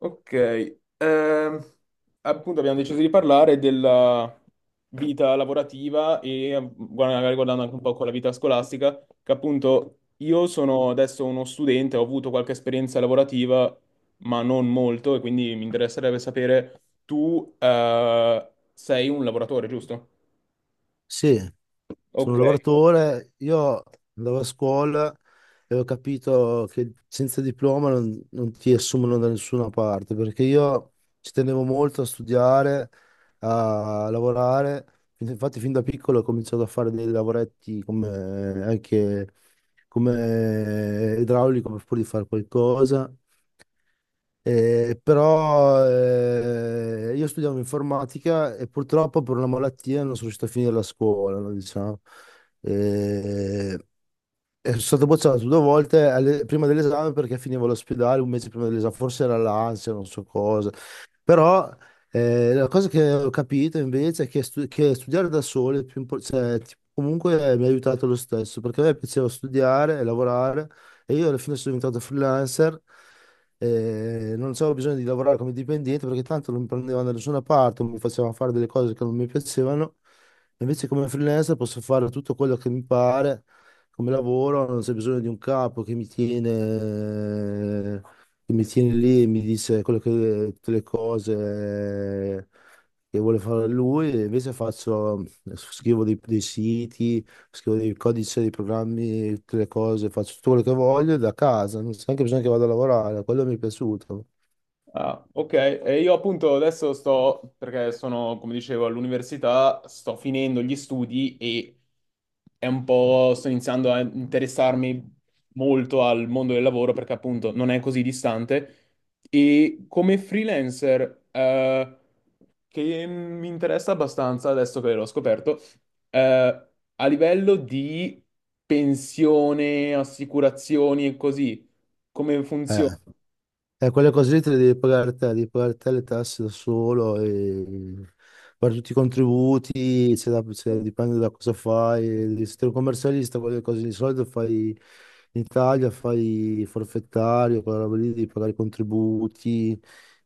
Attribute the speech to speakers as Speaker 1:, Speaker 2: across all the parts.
Speaker 1: Ok, ehm, appunto abbiamo deciso di parlare della vita lavorativa e magari guardando anche un po' con la vita scolastica, che appunto io sono adesso uno studente, ho avuto qualche esperienza lavorativa, ma non molto, e quindi mi interesserebbe sapere, tu sei un lavoratore, giusto?
Speaker 2: Sì, sono un
Speaker 1: Ok.
Speaker 2: lavoratore. Io andavo a scuola e ho capito che senza diploma non ti assumono da nessuna parte, perché io ci tenevo molto a studiare, a lavorare. Infatti fin da piccolo ho cominciato a fare dei lavoretti come, anche come idraulico per pur di fare qualcosa. Però io studiavo informatica e purtroppo per una malattia non sono riuscito a finire la scuola, no, diciamo. Eh, e sono stato bocciato 2 volte prima dell'esame perché finivo all'ospedale un mese prima dell'esame, forse era l'ansia, non so cosa. Però la cosa che ho capito invece è che, che studiare da solo è più cioè, comunque mi ha aiutato lo stesso, perché a me piaceva studiare e lavorare e io alla fine sono diventato freelancer. Non avevo bisogno di lavorare come dipendente perché tanto non mi prendevano da nessuna parte, mi facevano fare delle cose che non mi piacevano. Invece come freelancer posso fare tutto quello che mi pare come lavoro, non c'è bisogno di un capo che mi tiene lì e mi dice quello che, tutte le cose che vuole fare lui, e invece faccio, scrivo dei siti, scrivo dei codici, dei programmi, tutte le cose, faccio tutto quello che voglio da casa, non c'è neanche bisogno che vada a lavorare, quello mi è piaciuto.
Speaker 1: Ah, ok, e io appunto adesso sto, perché sono, come dicevo, all'università, sto finendo gli studi e è un po', sto iniziando a interessarmi molto al mondo del lavoro perché appunto non è così distante e come freelancer, che mi interessa abbastanza adesso che l'ho scoperto, eh, a livello di pensione, assicurazioni e così, come
Speaker 2: Eh,
Speaker 1: funziona?
Speaker 2: e quelle cose lì te le devi pagare te le tasse da solo, e fare tutti i contributi, dipende da cosa fai, e se sei un commercialista, quelle cose lì, di solito fai in Italia, fai forfettario, quella roba lì, devi pagare i contributi,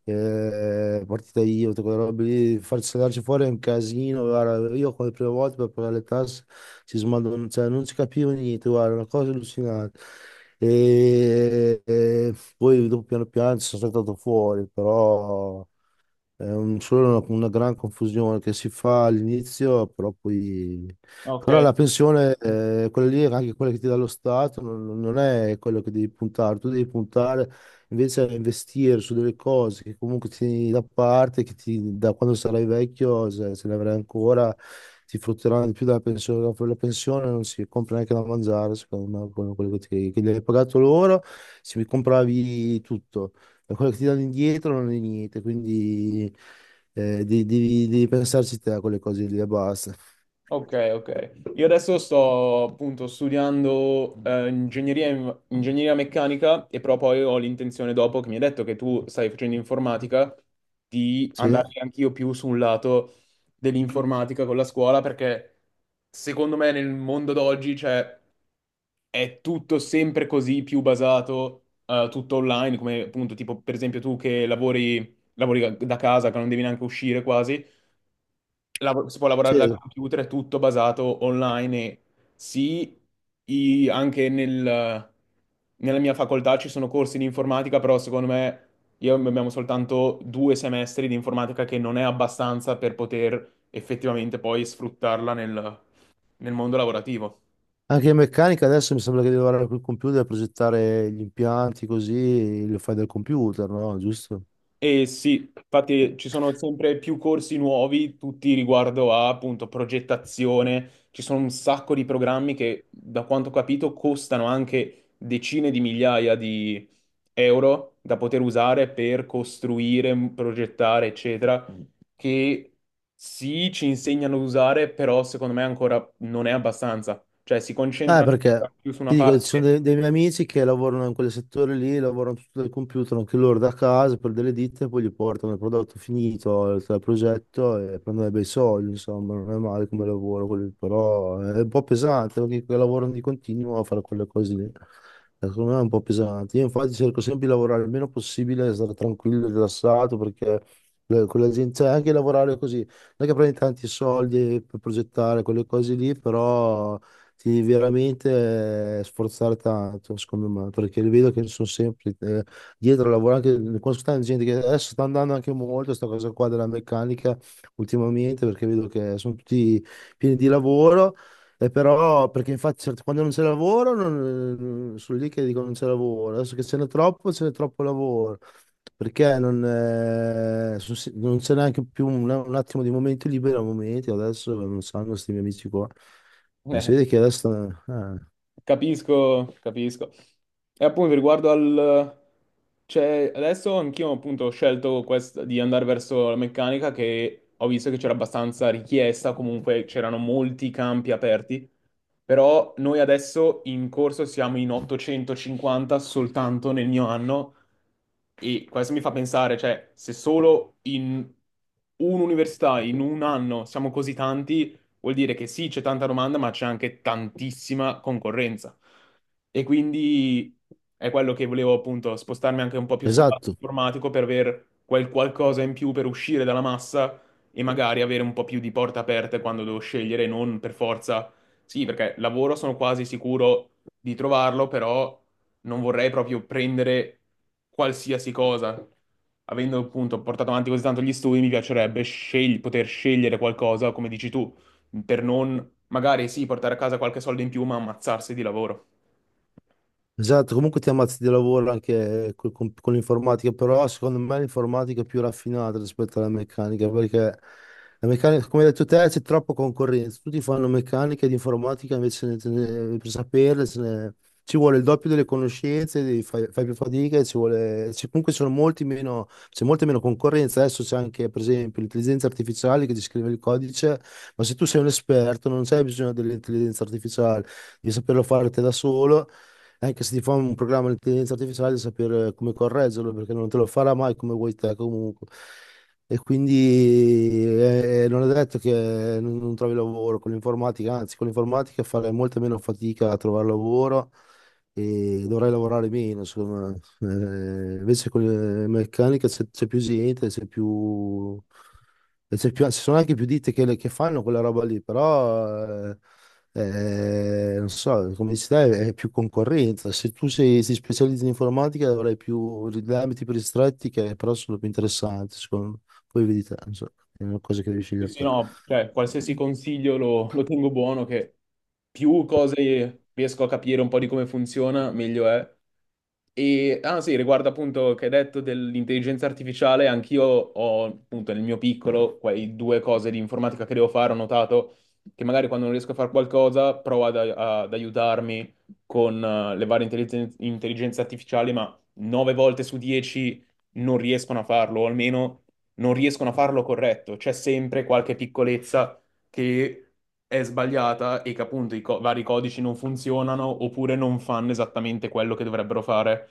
Speaker 2: partita IVA, tutte quelle robe lì, farsi saldarci fuori è un casino, guarda, io come prima volta per pagare le tasse cioè, non si capiva niente, guarda, una cosa allucinante. E poi dopo piano piano ci sono stato fuori, però è solo una gran confusione che si fa all'inizio, però poi...
Speaker 1: Ok.
Speaker 2: Però la pensione, quella lì, anche quella che ti dà lo Stato, non è quello che devi puntare. Tu devi puntare invece a investire su delle cose che comunque ti tieni da parte, che ti, da quando sarai vecchio, se ne avrai ancora, ti frutteranno di più della pensione. Dopo la pensione non si compra neanche da mangiare, secondo me, quello che, che gli hai pagato loro, si compravi tutto. E quello che ti danno indietro non è niente, quindi devi, devi pensarci te a quelle cose lì e basta.
Speaker 1: Ok, ok. Io adesso sto appunto studiando ingegneria, ingegneria meccanica e però poi ho l'intenzione dopo che mi hai detto che tu stai facendo informatica di
Speaker 2: Sì.
Speaker 1: andare anch'io più sul lato dell'informatica con la scuola perché secondo me nel mondo d'oggi cioè, è tutto sempre così più basato tutto online come appunto tipo per esempio tu che lavori, lavori da casa che non devi neanche uscire quasi si può lavorare dal
Speaker 2: Sì.
Speaker 1: computer, è tutto basato online e sì, anche nella mia facoltà ci sono corsi di informatica, però secondo me io abbiamo soltanto due semestri di informatica che non è abbastanza per poter effettivamente poi sfruttarla nel nel mondo lavorativo.
Speaker 2: Anche in meccanica adesso mi sembra che devi lavorare col computer, progettare gli impianti così, lo fai dal computer, no? Giusto?
Speaker 1: E sì, infatti ci sono sempre più corsi nuovi, tutti riguardo a appunto progettazione. Ci sono un sacco di programmi che, da quanto ho capito, costano anche decine di migliaia di euro da poter usare per costruire, progettare, eccetera, che sì, ci insegnano ad usare, però secondo me ancora non è abbastanza. Cioè si concentrano ancora
Speaker 2: Perché
Speaker 1: più su una
Speaker 2: ti dico, ci sono
Speaker 1: parte.
Speaker 2: dei miei amici che lavorano in quel settore lì, lavorano tutto dal computer, anche loro da casa per delle ditte, poi gli portano il prodotto finito il progetto e prendono dei bei soldi, insomma, non è male come lavoro, quello lì, però è un po' pesante perché che lavorano di continuo a fare quelle cose lì. Secondo me è un po' pesante. Io infatti cerco sempre di lavorare il meno possibile, stare tranquillo, rilassato, perché con la gente, cioè anche lavorare così, non è che prendi tanti soldi per progettare quelle cose lì, però ti devi veramente sforzare tanto, secondo me, perché vedo che sono sempre dietro a lavorare, anche, conosco tanta gente che adesso sta andando anche molto questa cosa qua della meccanica ultimamente, perché vedo che sono tutti pieni di lavoro, e però, perché infatti quando non c'è lavoro, sono lì che dicono non c'è lavoro, adesso che ce n'è troppo lavoro. Perché non, sono non c'è neanche più un attimo di momento libero a momenti, adesso non sanno questi miei amici qua. Si vede che resta...
Speaker 1: Capisco, capisco. E appunto riguardo al... Cioè, adesso anch'io appunto ho scelto di andare verso la meccanica che ho visto che c'era abbastanza richiesta, comunque c'erano molti campi aperti, però noi adesso in corso siamo in 850 soltanto nel mio anno e questo mi fa pensare, cioè, se solo in un'università, in un anno siamo così tanti, vuol dire che sì, c'è tanta domanda, ma c'è anche tantissima concorrenza. E quindi è quello che volevo appunto spostarmi anche un po' più sul lato
Speaker 2: esatto.
Speaker 1: informatico per aver quel qualcosa in più per uscire dalla massa e magari avere un po' più di porte aperte quando devo scegliere, non per forza. Sì, perché lavoro sono quasi sicuro di trovarlo, però non vorrei proprio prendere qualsiasi cosa. Avendo appunto portato avanti così tanto gli studi, mi piacerebbe poter scegliere qualcosa, come dici tu, per non magari sì portare a casa qualche soldo in più, ma ammazzarsi di lavoro.
Speaker 2: Esatto, comunque ti ammazzi di lavoro anche con l'informatica, però secondo me l'informatica è più raffinata rispetto alla meccanica, perché la meccanica, come hai detto te, c'è troppa concorrenza, tutti fanno meccanica ed informatica, invece per saperle ci vuole il doppio delle conoscenze, devi fai più fatica, e ci vuole, comunque ci sono molti meno, c'è molta meno concorrenza, adesso c'è anche per esempio l'intelligenza artificiale che ti scrive il codice, ma se tu sei un esperto non c'è bisogno dell'intelligenza artificiale, devi saperlo fare te da solo. Anche se ti fa un programma di intelligenza artificiale, sapere come correggerlo, perché non te lo farà mai come vuoi te comunque. E quindi non è detto che non trovi lavoro con l'informatica, anzi, con l'informatica farai molta meno fatica a trovare lavoro e dovrai lavorare meno, secondo me. Invece con le meccaniche c'è più gente, c'è più... e ci sono anche più ditte che fanno quella roba lì, però eh, non so, come dici te, è più concorrenza. Se tu sei, ti specializzi in informatica avrai più degli ambiti più ristretti che però sono più interessanti, secondo me. Poi vedi te, non so, è una cosa che devi
Speaker 1: Sì,
Speaker 2: scegliere
Speaker 1: sì,
Speaker 2: te.
Speaker 1: no, cioè, qualsiasi consiglio lo, lo tengo buono, che più cose riesco a capire un po' di come funziona, meglio è. E, ah sì, riguardo appunto che hai detto dell'intelligenza artificiale, anch'io ho appunto nel mio piccolo quei due cose di informatica che devo fare, ho notato che magari quando non riesco a fare qualcosa provo ad aiutarmi con le varie intelligenze artificiali, ma nove volte su dieci non riescono a farlo, o almeno non riescono a farlo corretto. C'è sempre qualche piccolezza che è sbagliata e che appunto vari codici non funzionano oppure non fanno esattamente quello che dovrebbero fare.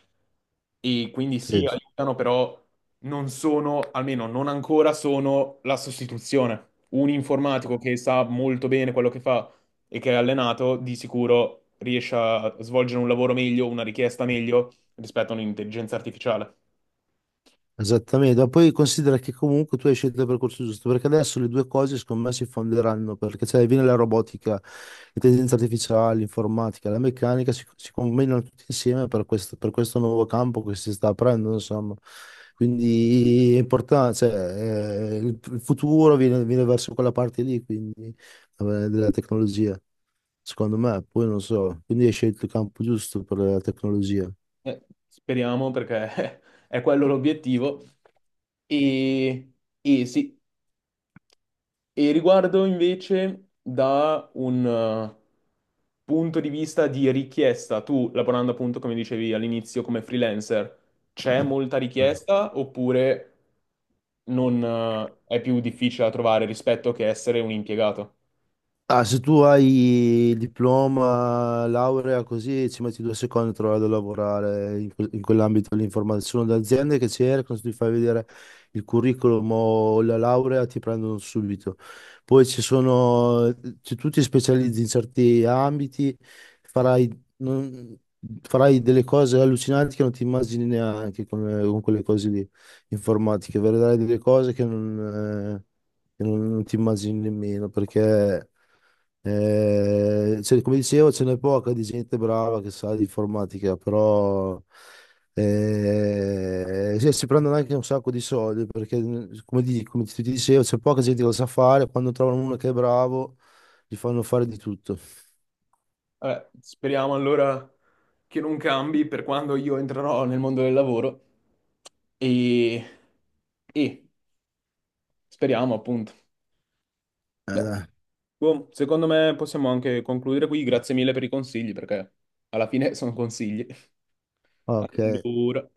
Speaker 1: E quindi sì,
Speaker 2: Sì.
Speaker 1: aiutano, però non sono, almeno non ancora, sono la sostituzione. Un informatico che sa molto bene quello che fa e che è allenato, di sicuro riesce a svolgere un lavoro meglio, una richiesta meglio rispetto a un'intelligenza artificiale.
Speaker 2: Esattamente, ma poi considera che comunque tu hai scelto il percorso giusto, perché adesso le due cose secondo me si fonderanno, perché cioè, viene la robotica, l'intelligenza artificiale, l'informatica, la meccanica, si combinano tutti insieme per questo nuovo campo che si sta aprendo, insomma. Quindi è importante, cioè, il futuro viene, viene verso quella parte lì, quindi, della tecnologia, secondo me, poi non so, quindi hai scelto il campo giusto per la tecnologia.
Speaker 1: Eh, speriamo perché è quello l'obiettivo. E, e sì, e riguardo invece da un punto di vista di richiesta, tu lavorando appunto come dicevi all'inizio come freelancer, c'è molta
Speaker 2: No?
Speaker 1: richiesta oppure non, è più difficile da trovare rispetto che essere un impiegato?
Speaker 2: Ah, se tu hai diploma, laurea, così ci metti 2 secondi a trovare da lavorare in, in quell'ambito lì. Informatica. Ci sono le aziende che cercano, se ti fai vedere il curriculum o la laurea, ti prendono subito. Poi ci sono, se tu ti specializzi in certi ambiti, farai, non- farai delle cose allucinanti che non ti immagini neanche con quelle cose lì, informatiche. Vedrai delle cose che non che non ti immagini nemmeno perché. Cioè, come dicevo, ce n'è poca di gente brava che sa di informatica, però sì, si prendono anche un sacco di soldi perché, come, come ti dicevo, c'è poca gente che lo sa fare. Quando trovano uno che è bravo, gli fanno fare di tutto.
Speaker 1: Vabbè, speriamo allora che non cambi per quando io entrerò nel mondo del lavoro e, e speriamo appunto. Beh,
Speaker 2: Dai.
Speaker 1: boh, secondo me possiamo anche concludere qui. Grazie mille per i consigli perché alla fine sono consigli.
Speaker 2: Ok,
Speaker 1: Allora.